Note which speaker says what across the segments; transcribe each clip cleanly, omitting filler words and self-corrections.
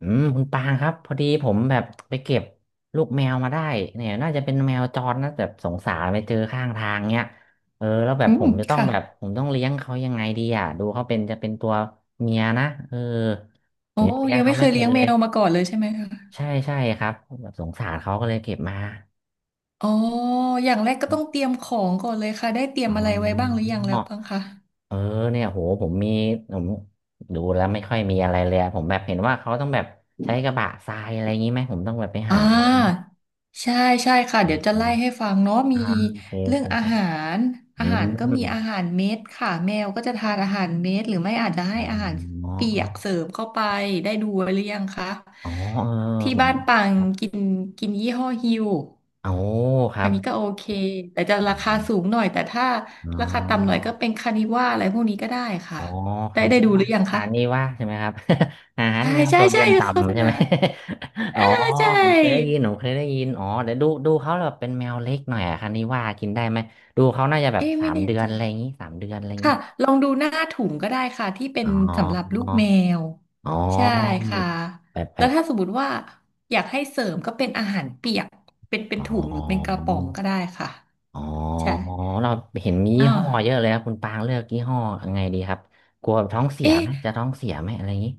Speaker 1: อืมคุณปางครับพอดีผมแบบไปเก็บลูกแมวมาได้เนี่ยน่าจะเป็นแมวจรนะแบบสงสารไปเจอข้างทางเนี่ยแล้วแบบ
Speaker 2: อื
Speaker 1: ผ
Speaker 2: ม
Speaker 1: มจะต้อง
Speaker 2: ค่ะ
Speaker 1: แบบผมต้องเลี้ยงเขายังไงดีอ่ะดูเขาเป็นจะเป็นตัวเมียนะผ
Speaker 2: โอ้
Speaker 1: มยังเลี้ยง
Speaker 2: ยังไม่
Speaker 1: เขา
Speaker 2: เค
Speaker 1: ไม่
Speaker 2: ย
Speaker 1: เป็
Speaker 2: เลี้
Speaker 1: น
Speaker 2: ยง
Speaker 1: เล
Speaker 2: แม
Speaker 1: ย
Speaker 2: วมาก่อนเลยใช่ไหมคะ
Speaker 1: ใช่ใช่ครับแบบสงสารเขาก็เลยเก็บมา
Speaker 2: อ๋ออย่างแรกก็ต้องเตรียมของก่อนเลยค่ะ ได้เตรียม
Speaker 1: อ๋อ
Speaker 2: อะไรไว้บ้างหรือยังแล้วบ้างคะ
Speaker 1: เออเนี่ยโหผมมีผมดูแล้วไม่ค่อยมีอะไรเลยอะผมแบบเห็นว่าเขาต้องแบบใช้กระบะทรายอะไรอย่างนี้ไหมผมต้องแบบไป
Speaker 2: อ่
Speaker 1: หาอะไรอย่างนี้
Speaker 2: าใช่ใช่ค่ะเดี๋ยวจะไล่ให้ฟังเนาะมี
Speaker 1: อ่าโอ
Speaker 2: เรื่
Speaker 1: เคโอ
Speaker 2: อ
Speaker 1: เค
Speaker 2: งอา
Speaker 1: ครับ
Speaker 2: หาร
Speaker 1: อื
Speaker 2: ก็มีอาหารเม็ดค่ะแมวก็จะทานอาหารเม็ดหรือไม่อาจจะให้อาหาร
Speaker 1: มอ๋อ
Speaker 2: เปียกเสริมเข้าไปได้ดูไว้หรือยังคะ
Speaker 1: อ๋อเออ
Speaker 2: ที่
Speaker 1: เหมือน
Speaker 2: บ้านปังกินกินยี่ห้อฮิว
Speaker 1: โอ้ครั
Speaker 2: อัน
Speaker 1: บ
Speaker 2: นี้ก็โอเคแต่จะราคาสูงหน่อยแต่ถ้า
Speaker 1: อ๋
Speaker 2: ราคาต่ำหน่อย
Speaker 1: อ
Speaker 2: ก็เป็นคานิว่าอะไรพวกนี้ก็ได้
Speaker 1: อ๋
Speaker 2: ค่ะ
Speaker 1: อ
Speaker 2: ได้
Speaker 1: อาน
Speaker 2: ได้
Speaker 1: นี้
Speaker 2: ดูห
Speaker 1: ว่า
Speaker 2: รือยัง
Speaker 1: อา
Speaker 2: คะ
Speaker 1: นนี้ว่าใช่ไหมครับ อาหาร
Speaker 2: ใช่
Speaker 1: แมว
Speaker 2: ใช่
Speaker 1: โซเดี
Speaker 2: ใช่
Speaker 1: ยม
Speaker 2: โฆษ
Speaker 1: ต่ำใช่
Speaker 2: ณา
Speaker 1: ไหม
Speaker 2: ใ
Speaker 1: อ๋อ
Speaker 2: ช่
Speaker 1: ผมเคยได้ยินอ๋อเดี๋ยวดูเขาแบบเป็นแมวเล็กหน่อยอะคันนี้ว่ากินได้ไหมดูเขาน่าจะแบบ
Speaker 2: เอ๊ะ
Speaker 1: สา
Speaker 2: ไม่
Speaker 1: ม
Speaker 2: แน่
Speaker 1: เดือน
Speaker 2: ใจ
Speaker 1: อะไรอย่างงี้สามเดือนอะไรเงี้
Speaker 2: ค่ะ
Speaker 1: ย
Speaker 2: ลองดูหน้าถุงก็ได้ค่ะที่เป็
Speaker 1: อ๋
Speaker 2: น
Speaker 1: อ
Speaker 2: สำหรับลูกแมว
Speaker 1: อ๋อ
Speaker 2: ใช่ค่ะ
Speaker 1: แบบแบ
Speaker 2: แล้ว
Speaker 1: บ
Speaker 2: ถ้าสมมติว่าอยากให้เสริมก็เป็นอาหารเปียกเป็น
Speaker 1: อ๋อ
Speaker 2: ถุงหรือเป็นกระป๋องก็ได้ค่ะ
Speaker 1: อ๋อ
Speaker 2: ใช่
Speaker 1: เราเห็นมียี่
Speaker 2: อ่า
Speaker 1: ห้อเยอะเลยครับคุณปางเลือกยี่ห้อยังไงดีครับกลัวท้องเสีย
Speaker 2: เอ๊ะ
Speaker 1: ไหมจะท้องเสียไหมอะไรอย่างนี้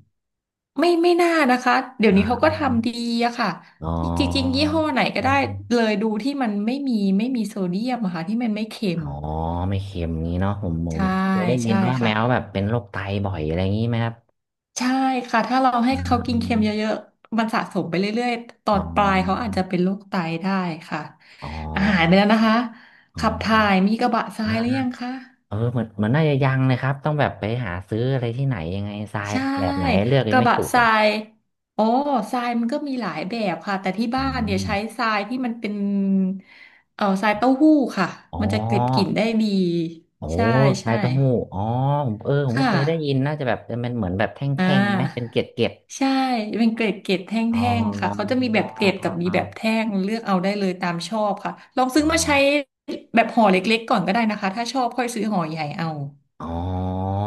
Speaker 2: ไม่น่านะคะเดี๋ยว
Speaker 1: อ่
Speaker 2: นี้เขาก็
Speaker 1: า
Speaker 2: ทำดีอะค่ะ
Speaker 1: อ๋
Speaker 2: จริงๆ
Speaker 1: อ
Speaker 2: ยี่ห้อไหนก็
Speaker 1: อื
Speaker 2: ได้เลยดูที่มันไม่มีโซเดียมอะค่ะที่มันไม่เค็
Speaker 1: อ
Speaker 2: ม
Speaker 1: อ๋อไม่เค็มงี้เนาะ
Speaker 2: ใช่
Speaker 1: ผมเคยได้ยิน
Speaker 2: ใช่
Speaker 1: ว่าแม
Speaker 2: ค่ะ
Speaker 1: วแบบเป็นโรคไตบ่อยอะไรอย่างนี้ไหมครับ
Speaker 2: ใช่ค่ะถ้าเราให้
Speaker 1: อื
Speaker 2: เขากินเค็มเย
Speaker 1: ม
Speaker 2: อะๆมันสะสมไปเรื่อยๆตอ
Speaker 1: อ๋
Speaker 2: นปลายเขา
Speaker 1: อ
Speaker 2: อาจจะเป็นโรคไตได้ค่ะ
Speaker 1: อ๋อ
Speaker 2: อาหารไปแล้วนะคะ
Speaker 1: อ๋
Speaker 2: ขับ
Speaker 1: อ
Speaker 2: ถ่ายมีกระบะทรา
Speaker 1: อ่า
Speaker 2: ยหรือยังคะ
Speaker 1: เหมือนน่าจะยังเลยครับต้องแบบไปหาซื้ออะไรที่ไหนยังไงทราย
Speaker 2: ใช่
Speaker 1: แบบไหนเลือก
Speaker 2: ก
Speaker 1: ยัง
Speaker 2: ระ
Speaker 1: ไม่
Speaker 2: บะ
Speaker 1: ถูก
Speaker 2: ท
Speaker 1: เล
Speaker 2: รา
Speaker 1: ย
Speaker 2: ยอ๋อทรายมันก็มีหลายแบบค่ะแต่ที่
Speaker 1: อื
Speaker 2: บ้านเนี่ย
Speaker 1: ม
Speaker 2: ใช้ทรายที่มันเป็นทรายเต้าหู้ค่ะ
Speaker 1: อ๋อ
Speaker 2: มันจะเก็บกลิ่นได้ดี
Speaker 1: โอ้
Speaker 2: ใช่
Speaker 1: ไข่
Speaker 2: ใช่
Speaker 1: เต้าหู้อ๋อผมผมก็
Speaker 2: ค่ะ
Speaker 1: เคยได้ยินน่าจะแบบเป็นเหมือนแบบแท
Speaker 2: อ่
Speaker 1: ่งๆไหมเป็น
Speaker 2: า
Speaker 1: เกล็ด
Speaker 2: ใช่เป็นเกรดแท
Speaker 1: ๆอ๋อ
Speaker 2: ่งๆค่ะเขาจะมีแบ
Speaker 1: อ
Speaker 2: บเกรดกับมี
Speaker 1: ๋อ
Speaker 2: แบบแท่งเลือกเอาได้เลยตามชอบค่ะลองซื้อ
Speaker 1: อ๋อ
Speaker 2: มาใช้แบบห่อเล็กๆก่อนก็ได้นะคะถ้าชอบค่อยซื้อห่อใหญ่เอา
Speaker 1: อ๋อ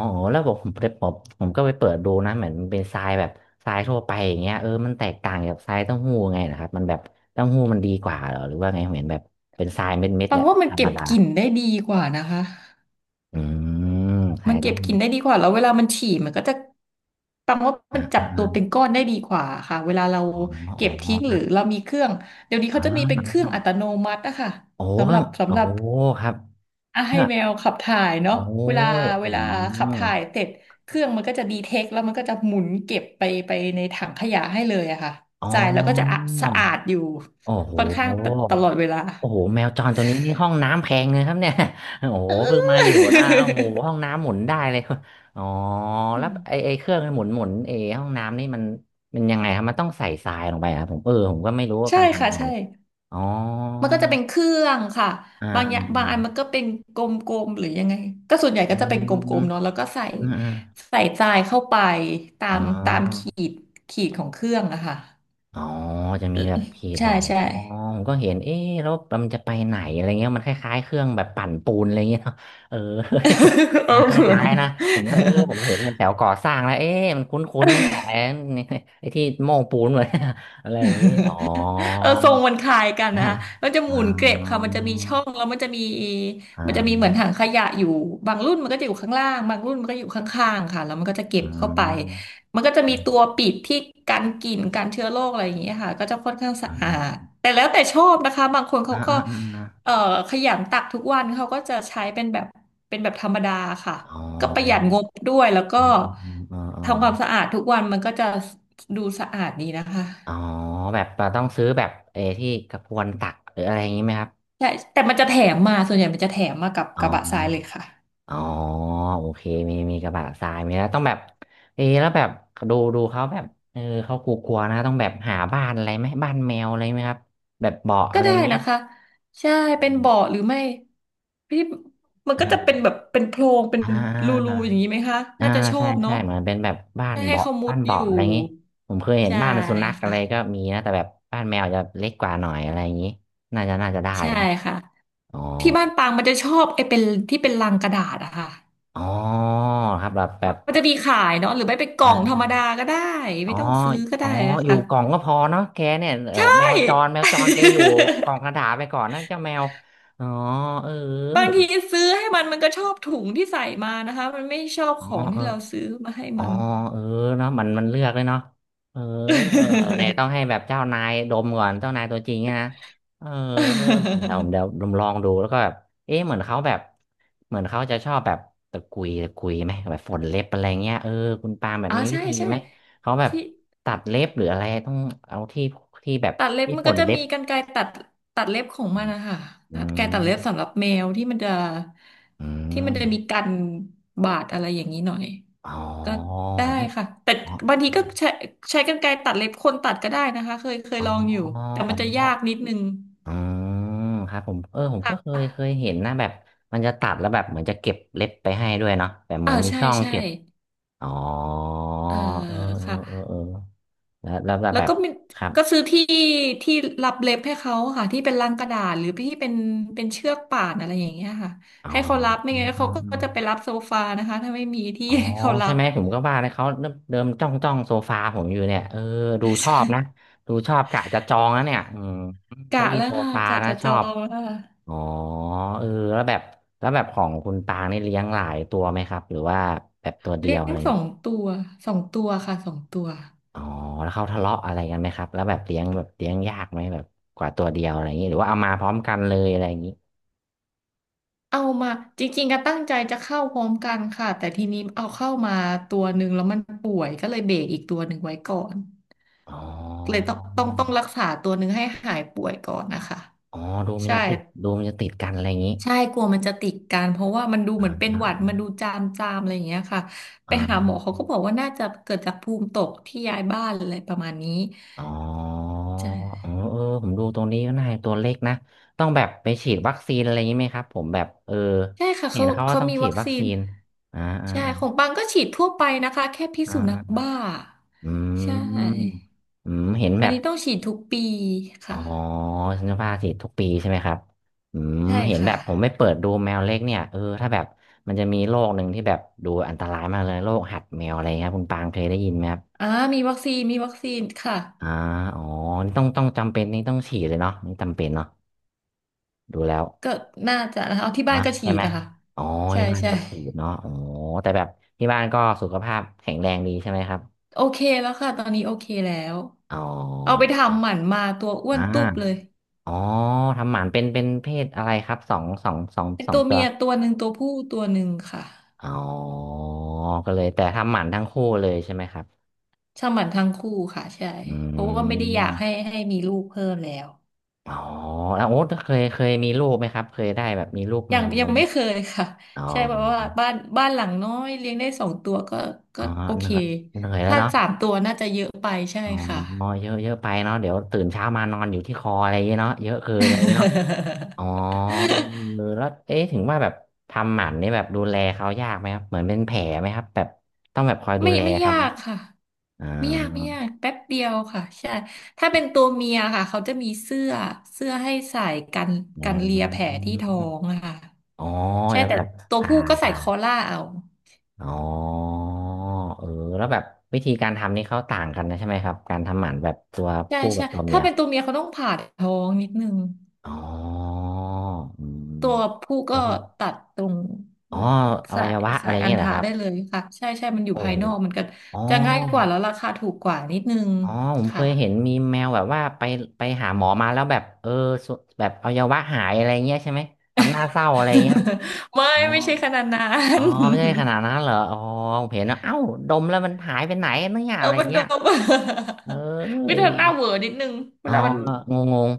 Speaker 1: อ๋อโอ้แล้วบอกผมไปผมก็ไปเปิดดูนะเหมือนมันเป็นทรายแบบทรายทั่วไปอย่างเงี้ยมันแตกต่างจากทรายเต้าหู้ไงนะครับมันแบบเต้าหู้มันดีกว่าเหรอหรือว่าไงผมเห็นแบบเป็นทรายเม็ดๆ
Speaker 2: ปั
Speaker 1: แห
Speaker 2: ง
Speaker 1: ละ
Speaker 2: ว่ามัน
Speaker 1: ธรรม
Speaker 2: เก็บ
Speaker 1: ดา
Speaker 2: กลิ่นได้ดีกว่านะคะ
Speaker 1: อืมทรา
Speaker 2: มั
Speaker 1: ย
Speaker 2: นเก็
Speaker 1: เต้า
Speaker 2: บก
Speaker 1: หู้
Speaker 2: ลิ่นได้ดีกว่าแล้วเวลามันฉี่มันก็จะปังว่า
Speaker 1: อ
Speaker 2: มันจับตัวเป็น
Speaker 1: ่า
Speaker 2: ก้อนได้ดีกว่าค่ะเวลาเรา
Speaker 1: ๆอ๋ออ๋
Speaker 2: เก็
Speaker 1: อ
Speaker 2: บทิ้ง
Speaker 1: ค
Speaker 2: ห
Speaker 1: รั
Speaker 2: รือ
Speaker 1: บ
Speaker 2: เรามีเครื่องเดี๋ยวนี้
Speaker 1: อ๋
Speaker 2: เขา
Speaker 1: อ
Speaker 2: จะมีเป็นเครื่องอัตโนมัติอะค่ะ
Speaker 1: โอ้
Speaker 2: สำห
Speaker 1: ก็
Speaker 2: รับ
Speaker 1: โอ้
Speaker 2: สำหรับ
Speaker 1: ครับ
Speaker 2: อ่ะให้แมวขับถ่ายเนาะ
Speaker 1: โอ้
Speaker 2: เวลาเว
Speaker 1: อื
Speaker 2: ลาขับ
Speaker 1: ม
Speaker 2: ถ่ายเสร็จเครื่องมันก็จะดีเทคแล้วมันก็จะหมุนเก็บไปในถังขยะให้เลยอะค่ะ
Speaker 1: อ๋อ
Speaker 2: จ่ายแล้วก็จะอะสะอาดอยู่
Speaker 1: โอ้โห
Speaker 2: ค่อนข้างตตลอดเวลา
Speaker 1: โอ้โหแมวจรตัวนี้นี่ห้องน้ำแพงเลยครับเนี่ย โอ้โห เพิ่ง
Speaker 2: เออ
Speaker 1: มาอยู่นะโอ้โหห้องน้ำหมุนได้เลย อ๋อ
Speaker 2: อื
Speaker 1: แล้ว
Speaker 2: ม
Speaker 1: ไอเครื่องหมุนเอห้องน้ำนี่มันยังไงครับมันต้องใส่ทรายลงไปครับผมผมก็ไม่รู้ว่า
Speaker 2: ใช่
Speaker 1: การ
Speaker 2: ค่ะ
Speaker 1: ทำงาน
Speaker 2: ใช่
Speaker 1: อ๋อ
Speaker 2: มันก็จะเป็นเครื่องค่ะ
Speaker 1: อ่า
Speaker 2: บางอ
Speaker 1: อื
Speaker 2: ย่างบาง
Speaker 1: ม
Speaker 2: อันมันก็เป็นกลมๆหรือยังไงก็ส่วนใหญ่
Speaker 1: อื
Speaker 2: ก็จะเป็นก
Speaker 1: ม
Speaker 2: ลมๆเนาะแล้วก็ใส่
Speaker 1: อืมอืม
Speaker 2: ทรายเข้าไป
Speaker 1: อมอ๋
Speaker 2: ตาม
Speaker 1: อ
Speaker 2: ขีดของเครื่องอะค่ะ
Speaker 1: อ๋อจะมีแบบเพจ
Speaker 2: ใช่
Speaker 1: บอก
Speaker 2: ใช่
Speaker 1: อ๋อผมก็เห็นเอ๊ะแล้วมันจะไปไหนอะไรเงี้ยมันคล้ายๆเครื่องแบบปั่นปูนอะไรเงี้ย เนาะเออ มั
Speaker 2: โอ้
Speaker 1: นค
Speaker 2: โห
Speaker 1: ล้ายๆนะผมก็ผมเห็นมันแถวก่อสร้างแล้วเอ๊ะมันคุ้นๆนั่ นแหละไอ้ นี่ไอ้ที่โม่งปูนเลย อะไรอย่างงี้อ๋อ
Speaker 2: เออทรงมันคล้ายกันนะ
Speaker 1: นะ
Speaker 2: มันจะห
Speaker 1: อ๋
Speaker 2: มุนเกล็บค่ะ
Speaker 1: อ
Speaker 2: มันจะมีช่องแล้วมันจะมี
Speaker 1: อ๋
Speaker 2: เหมือนถั
Speaker 1: อ
Speaker 2: งขยะอยู่บางรุ่นมันก็จะอยู่ข้างล่างบางรุ่นมันก็อยู่ข้างๆค่ะแล้วมันก็จะเก็
Speaker 1: อ
Speaker 2: บเข้าไป
Speaker 1: ๋ออ
Speaker 2: มันก็จะมีตัวปิดที่กันกลิ่นกันเชื้อโรคอะไรอย่างเงี้ยค่ะก็จะค่อนข้างสะอาดแต่แล้วแต่ชอบนะคะบางคน
Speaker 1: ๋อ
Speaker 2: เขาก็
Speaker 1: อ๋อ
Speaker 2: เอ่อขยันตักทุกวันเขาก็จะใช้เป็นแบบเป็นแบบธรรมดาค่ะ
Speaker 1: อ๋
Speaker 2: ก็ประหยัด
Speaker 1: อ
Speaker 2: งบด้วยแล้วก็
Speaker 1: อออืมอืมอืมอืม
Speaker 2: ทำความสะอาดทุกวันมันก็จะดูสะอาดดีนะคะ
Speaker 1: อ๋อแบบเราต้องซื้อแบบที่กระพวนตักหรืออะไรอย่างนี้ไหมครับ
Speaker 2: ใช่แต่มันจะแถมมาส่วนใหญ่มันจะแถมมากับ
Speaker 1: อ๋
Speaker 2: กระบะทรายเลย
Speaker 1: อ
Speaker 2: ค่ะ
Speaker 1: อ๋อโอเคมีกระบะทรายมีแล้วต้องแบบเอะแล้วแบบดูเขาแบบเขากลัวๆนะต้องแบบหาบ้านอะไรไหม บ้านแมวอะไรไหมครับแบบเบาะ
Speaker 2: ก็
Speaker 1: อะไร
Speaker 2: ได้
Speaker 1: อย่างเงี้ย
Speaker 2: นะคะใช่
Speaker 1: อ
Speaker 2: เป็น
Speaker 1: ม
Speaker 2: เบาะหรือไม่พี่มัน
Speaker 1: อ่
Speaker 2: ก็จะ
Speaker 1: า
Speaker 2: เป็นแบบเป็นโพรงเป็น
Speaker 1: อ่
Speaker 2: ร
Speaker 1: า
Speaker 2: ูๆอย่างนี้ไหมคะ
Speaker 1: อ่า
Speaker 2: น่าจะชอ
Speaker 1: ใช่
Speaker 2: บ
Speaker 1: ใช่
Speaker 2: เนาะ
Speaker 1: เหมือนเป็นแบบ
Speaker 2: ได้ให้เขามุ
Speaker 1: บ้า
Speaker 2: ด
Speaker 1: น
Speaker 2: อ
Speaker 1: เบาะ
Speaker 2: ยู่
Speaker 1: อะไรอย่างงี้ผมเคยเห็น
Speaker 2: ใช่
Speaker 1: บ้านสุนัขอะ
Speaker 2: ค่ะ
Speaker 1: ไรก็มีนะแต่แบบบ้านแมวจะเล็กกว่าหน่อยอะไรอย่างงี้น่าจะได้
Speaker 2: ใช่
Speaker 1: แล้ว
Speaker 2: ค่ะ
Speaker 1: อ๋อ
Speaker 2: ที่บ้านปางมันจะชอบไอ้เป็นที่เป็นลังกระดาษอะค่ะ
Speaker 1: อ๋อครับแบบแบ
Speaker 2: มัน
Speaker 1: บ
Speaker 2: จะมีขายเนาะหรือไม่เป็นกล่องธรรมดาก็ได้
Speaker 1: อ๋
Speaker 2: ไม่
Speaker 1: อ
Speaker 2: ต้องซื้อก็
Speaker 1: อ๋อ
Speaker 2: ได้อะ
Speaker 1: อยู่
Speaker 2: ค่ะ
Speaker 1: กล่องก็พอเนาะแกเนี่ยโอ้
Speaker 2: ใช่
Speaker 1: แมวจรแกอยู่กล่องกระดาษไปก่อนนะเจ้าแมวอ๋อเออ
Speaker 2: บางทีซื้อให้มันมันก็ชอบถุงที่ใส่มานะคะมันไม่ชอบ
Speaker 1: อ๋อ
Speaker 2: ของ
Speaker 1: เอ
Speaker 2: ที่
Speaker 1: อ
Speaker 2: เราซื้อมาให้
Speaker 1: อ๋อ
Speaker 2: มัน
Speaker 1: เออเนาะมันมันเลือกเลยเนาะเออเนี่ยต้องให้แบ บเจ้านายดมก่อนเจ้านายตัวจริงอะนะเออเดี๋ยวผมลองดูแล้วก็แบบเอ๊ะเหมือนเขาจะชอบแบบตะกุยตะกุยไหมแบบฝนเล็บอะไรเงี้ยเออคุณปาล์มแบบ
Speaker 2: อ๋อ
Speaker 1: มีวิ
Speaker 2: ใช่
Speaker 1: ธี
Speaker 2: ใช่
Speaker 1: ไหมเขาแบบ
Speaker 2: ที่
Speaker 1: ตัดเล็บหรืออะไรต้องเอาที่ที่แบบ
Speaker 2: ตัดเล็บ
Speaker 1: ที่
Speaker 2: มัน
Speaker 1: ฝ
Speaker 2: ก็
Speaker 1: น
Speaker 2: จะ
Speaker 1: เล็
Speaker 2: มี
Speaker 1: บ
Speaker 2: กรรไกรตัดเล็บของ
Speaker 1: อ
Speaker 2: มันนะคะตั
Speaker 1: ื
Speaker 2: ดกรรไกร
Speaker 1: ม
Speaker 2: ตัดเล็บสำหรับแมวที่มันจะ
Speaker 1: อื
Speaker 2: ที่มัน
Speaker 1: ม
Speaker 2: จะมีกันบาดอะไรอย่างนี้หน่อย
Speaker 1: อ๋
Speaker 2: ก็
Speaker 1: อ
Speaker 2: ได้
Speaker 1: ไม่
Speaker 2: ค่ะแต่
Speaker 1: อ๋อ
Speaker 2: บางทีก็ใช้กรรไกรตัดเล็บคนตัดก็ได้นะคะเคย
Speaker 1: อ๋อ
Speaker 2: ลองอยู่แต่
Speaker 1: อ๋
Speaker 2: มั
Speaker 1: อ
Speaker 2: นจะยากนิดนึง
Speaker 1: อ๋อครับผมผม
Speaker 2: ค่
Speaker 1: ก็เคย
Speaker 2: ะ
Speaker 1: เห็นนะแบบมันจะตัดแล้วแบบเหมือนจะเก็บเล็บไปให้ด้วยเนาะแบบเหมื
Speaker 2: อ่า
Speaker 1: อนมี
Speaker 2: ใช่
Speaker 1: ช่อง
Speaker 2: ใช่
Speaker 1: เก็บอ๋อ
Speaker 2: เออ
Speaker 1: เออเออ
Speaker 2: ค่ะ
Speaker 1: เออเออแล้ว
Speaker 2: แล้
Speaker 1: แบ
Speaker 2: ว
Speaker 1: บ
Speaker 2: ก็มี
Speaker 1: ครับ
Speaker 2: ก็ซื้อที่ที่รับเล็บให้เขาค่ะที่เป็นลังกระดาษหรือที่เป็นเชือกป่านอะไรอย่างเงี้ยค่ะ
Speaker 1: อ๋อ
Speaker 2: ให้เขา
Speaker 1: อื
Speaker 2: รั
Speaker 1: ม
Speaker 2: บไม่งั้น
Speaker 1: อื
Speaker 2: เขา
Speaker 1: ม
Speaker 2: ก็
Speaker 1: อืม
Speaker 2: จะไปรับโซฟานะคะถ้าไม่มีที่
Speaker 1: อ๋อ
Speaker 2: ให้เขารั
Speaker 1: ใช่
Speaker 2: บ
Speaker 1: ไหมผมก็ว่าเลยเขาเริ่มเดิมจ้องโซฟาผมอยู่เนี่ยเออดู ชอ
Speaker 2: ใช่
Speaker 1: บนะดูชอบกะจะจองนะเนี่ยอืมเก้า
Speaker 2: กะ
Speaker 1: อี้
Speaker 2: แล้ว
Speaker 1: โซ
Speaker 2: ค่ะ
Speaker 1: ฟา
Speaker 2: กะ
Speaker 1: นะ
Speaker 2: จะ
Speaker 1: ช
Speaker 2: จ
Speaker 1: อ
Speaker 2: อ
Speaker 1: บ
Speaker 2: งแล้วค่ะ
Speaker 1: อ๋อเอแล้วแบบแล้วแบบของคุณปางนี่เลี้ยงหลายตัวไหมครับหรือว่าแบบตัวเดี
Speaker 2: เลี้
Speaker 1: ย
Speaker 2: ย
Speaker 1: วอะ
Speaker 2: ง
Speaker 1: ไรอย่า
Speaker 2: ส
Speaker 1: ง
Speaker 2: อ
Speaker 1: งี้
Speaker 2: งตัวสองตัวค่ะสองตัว
Speaker 1: อ๋อแล้วเขาทะเลาะอะไรกันไหมครับแล้วแบบเลี้ยงแบบเลี้ยงยากไหมแบบกว่าตัวเดียวอะไรอย่างนี้หรือว่าเอามาพร้อมกันเลยอะไรอย่างนี้
Speaker 2: เอามาจริงๆก็ตั้งใจจะเข้าพร้อมกันค่ะแต่ทีนี้เอาเข้ามาตัวหนึ่งแล้วมันป่วยก็เลยเบรกอีกตัวหนึ่งไว้ก่อน
Speaker 1: อ๋อ
Speaker 2: เลยต้องรักษาตัวหนึ่งให้หายป่วยก่อนนะคะ
Speaker 1: อ๋อดูมัน
Speaker 2: ใช่
Speaker 1: จะติดดูมันจะติดกันอะไรอย่างนี้
Speaker 2: ใช่กลัวมันจะติดกันเพราะว่ามันดู
Speaker 1: อ่
Speaker 2: เหมือนเป็นหวัด
Speaker 1: า
Speaker 2: มันดูจามจามอะไรอย่างเงี้ยค่ะไป
Speaker 1: อ่
Speaker 2: หาหมอเขา
Speaker 1: า
Speaker 2: ก็บอกว่าน่าจะเกิดจากภูมิตกที่ย้ายบ้านอะไรประมาณนี้
Speaker 1: อ๋อ
Speaker 2: ใช่
Speaker 1: เออเออผมดูตรงนี้ก็น่าตัวเล็กนะต้องแบบไปฉีดวัคซีนอะไรอย่างนี้ไหมครับผมแบบ
Speaker 2: ใช่ค่ะ
Speaker 1: เห็
Speaker 2: เขา
Speaker 1: นเขาว่า
Speaker 2: เขา
Speaker 1: ต้อง
Speaker 2: มี
Speaker 1: ฉี
Speaker 2: วั
Speaker 1: ด
Speaker 2: ค
Speaker 1: วัค
Speaker 2: ซี
Speaker 1: ซี
Speaker 2: น
Speaker 1: นอ่าอ่า
Speaker 2: ใช่ของปังก็ฉีดทั่วไปนะคะแค่พิษ
Speaker 1: อ่
Speaker 2: สุนัข
Speaker 1: า
Speaker 2: บ้า
Speaker 1: อืม
Speaker 2: ใช่
Speaker 1: อืมเห็น
Speaker 2: อั
Speaker 1: แบ
Speaker 2: น
Speaker 1: บ
Speaker 2: นี้ต้องฉีดทุกปี
Speaker 1: อ๋อ
Speaker 2: ค่ะ
Speaker 1: ฉันจะพาสิทุกปีใช่ไหมครับอืม
Speaker 2: ใช่
Speaker 1: เห็นแบ
Speaker 2: ค่ะ
Speaker 1: บผมไม่เปิดดูแมวเล็กเนี่ยเออถ้าแบบมันจะมีโรคหนึ่งที่แบบดูอันตรายมากเลยโรคหัดแมวอะไรครับคุณปางเคยได้ยินไหมครับ
Speaker 2: อ่ามีวัคซีนมีวัคซีนค่ะ
Speaker 1: อ่าอ๋อนี่ต้องจำเป็นนี่ต้องฉีดเลยเนาะนี่จำเป็นเนาะดูแล้ว
Speaker 2: ก็น่าจะนะคะเอาที่บ้า
Speaker 1: นะ
Speaker 2: นก็ฉี
Speaker 1: ใช่
Speaker 2: ด
Speaker 1: ไหม
Speaker 2: นะคะ
Speaker 1: อ๋อ
Speaker 2: ใช่
Speaker 1: ที่บ้าน
Speaker 2: ใช่
Speaker 1: ก็ฉีดเนาะอ๋อแต่แบบที่บ้านก็สุขภาพแข็งแรงดีใช่ไหมครับ
Speaker 2: โอเคแล้วค่ะตอนนี้โอเคแล้ว
Speaker 1: อ๋
Speaker 2: เอาไป
Speaker 1: อ
Speaker 2: ทำหมันมาตัวอ้ว
Speaker 1: อ่า
Speaker 2: นตุ๊บเลย
Speaker 1: อ๋อทำหมันเป็นเพศอะไรครับ
Speaker 2: เป็น
Speaker 1: สอ
Speaker 2: ตั
Speaker 1: ง
Speaker 2: ว
Speaker 1: ตั
Speaker 2: เมี
Speaker 1: ว
Speaker 2: ยตัวหนึ่งตัวผู้ตัวหนึ่งค่ะ
Speaker 1: อ๋อก็เลยแต่ทำหมันทั้งคู่เลยใช่ไหมครับ
Speaker 2: ทำหมันทั้งคู่ค่ะใช่
Speaker 1: อื
Speaker 2: เพราะว่าไม่ได้อยากให้
Speaker 1: ม
Speaker 2: ให้มีลูกเพิ่มแล้ว
Speaker 1: อ๋อแล้วโอ๊ตเคยมีลูกไหมครับเคยได้แบบมีลูกแม
Speaker 2: ยัง
Speaker 1: วอะ
Speaker 2: ยั
Speaker 1: ไร
Speaker 2: ง
Speaker 1: ไหม
Speaker 2: ไม่เคยค่ะ
Speaker 1: อ๋อ
Speaker 2: ใช่เพราะว่าบ้านหลังน้อยเลี้ยงได้สองตัวก็
Speaker 1: อ๋
Speaker 2: ก็
Speaker 1: อ
Speaker 2: โอ
Speaker 1: เห
Speaker 2: เค
Speaker 1: นื่อยเหนื่อยแล้ว
Speaker 2: ถ้า
Speaker 1: เนาะ
Speaker 2: สามตัวน่าจะเยอะไปใช่
Speaker 1: อ๋อ
Speaker 2: ค่ะ
Speaker 1: เยอะเยอะไปเนาะเดี๋ยวตื่นเช้ามานอนอยู่ที่คออะไรอย่างเงี้ยเนาะเยอะเกินเลยเนาะอ๋อเออแล้วเอ๊ะถึงว่าแบบทำหมันนี่แบบดูแลเขายากไหมครับเหมือนเป็นแผลไหมครับแบบต้องแบบคอยดู
Speaker 2: ไม่
Speaker 1: แล
Speaker 2: ไม่
Speaker 1: ครับ
Speaker 2: ยา
Speaker 1: ไหม
Speaker 2: กค่ะ
Speaker 1: อ๋อ
Speaker 2: ไม่ยากไม่ยากแป๊บเดียวค่ะใช่ถ้าเป็นตัวเมียค่ะเขาจะมีเสื้อเสื้อให้ใส่กัน
Speaker 1: อ
Speaker 2: กันเลียแผลที่ท้อ
Speaker 1: ม
Speaker 2: งอะค่ะ
Speaker 1: อ๋อ
Speaker 2: ใช่
Speaker 1: จะ
Speaker 2: แต่
Speaker 1: แบบ
Speaker 2: ตัว
Speaker 1: ผ่า
Speaker 2: ผู้ก็ใส่
Speaker 1: ผ่า
Speaker 2: คอล่าเอา
Speaker 1: อ๋อเออแล้วแบบวิธีการทำนี่เขาต่างกันนะใช่ไหมครับการทำหมันแบบตัว
Speaker 2: ใช่
Speaker 1: ผู้กั
Speaker 2: ใช่
Speaker 1: บตัวเมี
Speaker 2: ถ้า
Speaker 1: ย
Speaker 2: เป็นตัวเมียเขาต้องผ่าท้องนิดนึง
Speaker 1: อ๋ออืม
Speaker 2: ตัวผู้
Speaker 1: แล้
Speaker 2: ก็
Speaker 1: วพวก
Speaker 2: ตัดตรง
Speaker 1: อ๋ออ
Speaker 2: สา
Speaker 1: วัย
Speaker 2: ย
Speaker 1: วะอะ
Speaker 2: สา
Speaker 1: ไร
Speaker 2: ยอัณ
Speaker 1: เงี้ยเหรอ
Speaker 2: ฑะ
Speaker 1: ครับ
Speaker 2: ได้เลยค่ะใช่ใช่มันอยู่
Speaker 1: โอ้
Speaker 2: ภาย
Speaker 1: โห
Speaker 2: นอกมันก็
Speaker 1: อ๋อ
Speaker 2: จะง่ายกว่าแล้วราคาถูกกว่านิดนึง
Speaker 1: อ๋อผมเค
Speaker 2: ค่ะ
Speaker 1: ยเห็นมีแมวแบบว่าไปไปหาหมอมาแล้วแบบสุแบบอวัยวะหายอะไรเงี้ยใช่ไหมทำหน้าเศร้าอะไรเงี้ย
Speaker 2: ไม่
Speaker 1: อ๋อ
Speaker 2: ไม่ใช่ขนาดนั้
Speaker 1: อ๋อ
Speaker 2: น
Speaker 1: ไม่ใช่ขนาดนั้นเหรออ๋อผมเห็นนะเอ้าดมแล้วมันหายไปไหนเนี่ย
Speaker 2: เอ
Speaker 1: อะ
Speaker 2: อ
Speaker 1: ไร
Speaker 2: มันโด
Speaker 1: เงี้ย
Speaker 2: ม
Speaker 1: เอ้
Speaker 2: วิ
Speaker 1: ย
Speaker 2: ธีหน้าเหวอนิดนึงเว
Speaker 1: อ๋อ
Speaker 2: ลามัน
Speaker 1: งงง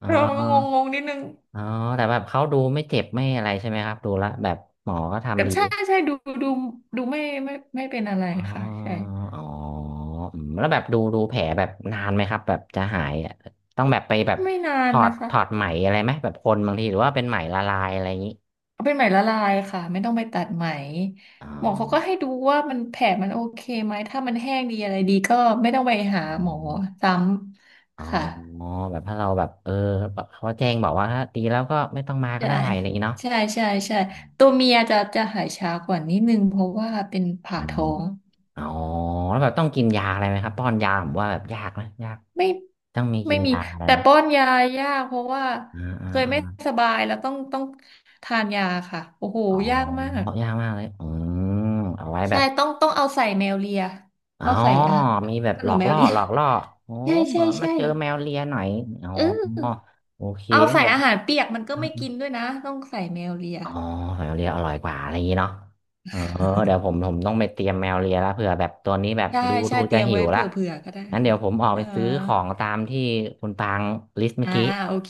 Speaker 1: อ๋อ
Speaker 2: เรามันก็งงงนิดนึง
Speaker 1: อ๋อแต่แบบเขาดูไม่เจ็บไม่อะไรใช่ไหมครับดูละแบบหมอก็
Speaker 2: กั
Speaker 1: ทำ
Speaker 2: น
Speaker 1: ดี
Speaker 2: ใช่ใช่ดูดูดูไม่เป็นอะไร
Speaker 1: อ๋อ
Speaker 2: ค่ะใช่
Speaker 1: อ๋ออืมแล้วแบบดูดูแผลแบบนานไหมครับแบบจะหายอะต้องแบบไปแบบ
Speaker 2: ไม่นา
Speaker 1: ถ
Speaker 2: น
Speaker 1: อด
Speaker 2: นะคะ
Speaker 1: ถอดไหมอะไรไหมแบบคนบางทีหรือว่าเป็นไหมละลายอะไรอย่างนี้
Speaker 2: เอาเป็นไหมละลายค่ะไม่ต้องไปตัดไหม
Speaker 1: อ๋อ
Speaker 2: หมอเขาก็ให้ดูว่ามันแผลมันโอเคไหมถ้ามันแห้งดีอะไรดีก็ไม่ต้องไปหา
Speaker 1: อ๋อ
Speaker 2: หมอซ้
Speaker 1: อ๋
Speaker 2: ำ
Speaker 1: อ
Speaker 2: ค่ะ
Speaker 1: แบบถ้าเราแบบเออแบบเขาแจ้งบอกว่าถ้าดีแล้วก็ไม่ต้องมาก็
Speaker 2: ใช่
Speaker 1: ได้อะไรอย่างนี้เนาะ
Speaker 2: ใช่ใช่ใช่ตัวเมียจะจะหายช้ากว่านิดนึงเพราะว่าเป็น
Speaker 1: อื
Speaker 2: ผ่า
Speaker 1: ม
Speaker 2: ท้อง
Speaker 1: อ๋อแล้วแบบต้องกินยาอะไรไหมครับป้อนยาผมว่าแบบยากนะยาก
Speaker 2: ไม่
Speaker 1: ต้องมีกิ
Speaker 2: ไม่
Speaker 1: น
Speaker 2: มี
Speaker 1: ยาอะไร
Speaker 2: แต่
Speaker 1: ไหม
Speaker 2: ป้อนยายากเพราะว่า
Speaker 1: อ่าอ่า
Speaker 2: เคยไม่
Speaker 1: อา
Speaker 2: สบายแล้วต้องทานยาค่ะโอ้โห
Speaker 1: อ๋อ
Speaker 2: ยากมา
Speaker 1: เพ
Speaker 2: ก
Speaker 1: ราะยากมากเลยอืมเอาไว้แบ
Speaker 2: ใช่
Speaker 1: บ
Speaker 2: ต้องเอาใส่แมวเลีย
Speaker 1: อ๋อ
Speaker 2: เอาใส่อาหาร
Speaker 1: มีแบบ
Speaker 2: ข
Speaker 1: หล
Speaker 2: น
Speaker 1: อ
Speaker 2: ม
Speaker 1: ก
Speaker 2: แมว
Speaker 1: ล่อ
Speaker 2: เลีย
Speaker 1: หลอกล่อโอ้
Speaker 2: ใช่ใช่
Speaker 1: มา
Speaker 2: ใช่
Speaker 1: เจอแมวเลียหน่อยอ๋อ
Speaker 2: เออ
Speaker 1: โอเค
Speaker 2: เอาใส่
Speaker 1: เดี๋ยว
Speaker 2: อาหารเปียกมันก็ไม่กินด้วยนะต้องใส่แมวเลีย
Speaker 1: อ๋อแมวเลียอร่อยกว่าอะไรอย่างนี้เนาะเออเดี๋ยวผมต้องไปเตรียมแมวเลียแล้วเผื่อแบบตัวนี้แบบ
Speaker 2: ใช่
Speaker 1: ดู
Speaker 2: ใช่
Speaker 1: ดู
Speaker 2: เต
Speaker 1: จะ
Speaker 2: รียม
Speaker 1: หิ
Speaker 2: ไว้
Speaker 1: วละ
Speaker 2: เผื่อเผื่อก็ได้
Speaker 1: งั้นเดี๋
Speaker 2: ค่ะ
Speaker 1: ยวผมออก
Speaker 2: เอ
Speaker 1: ไป
Speaker 2: อ
Speaker 1: ซื้อของตามที่คุณปางลิสต์เมื่
Speaker 2: อ่า
Speaker 1: อกี้
Speaker 2: โอเค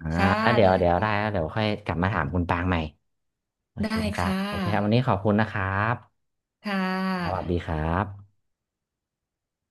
Speaker 1: อ่า
Speaker 2: ค่ะ
Speaker 1: แล้วเดี๋ย
Speaker 2: ได้
Speaker 1: วเดี๋ยวได้แล้ว
Speaker 2: ค่ะ
Speaker 1: เดี๋ยวค่อยกลับมาถามคุณปางใหม่โอเค
Speaker 2: ได้
Speaker 1: นะครับ
Speaker 2: ค่
Speaker 1: โอเคครับวันนี้
Speaker 2: ะ
Speaker 1: ขอบคุณนะครับ
Speaker 2: ค่ะ
Speaker 1: สวัสดีครับ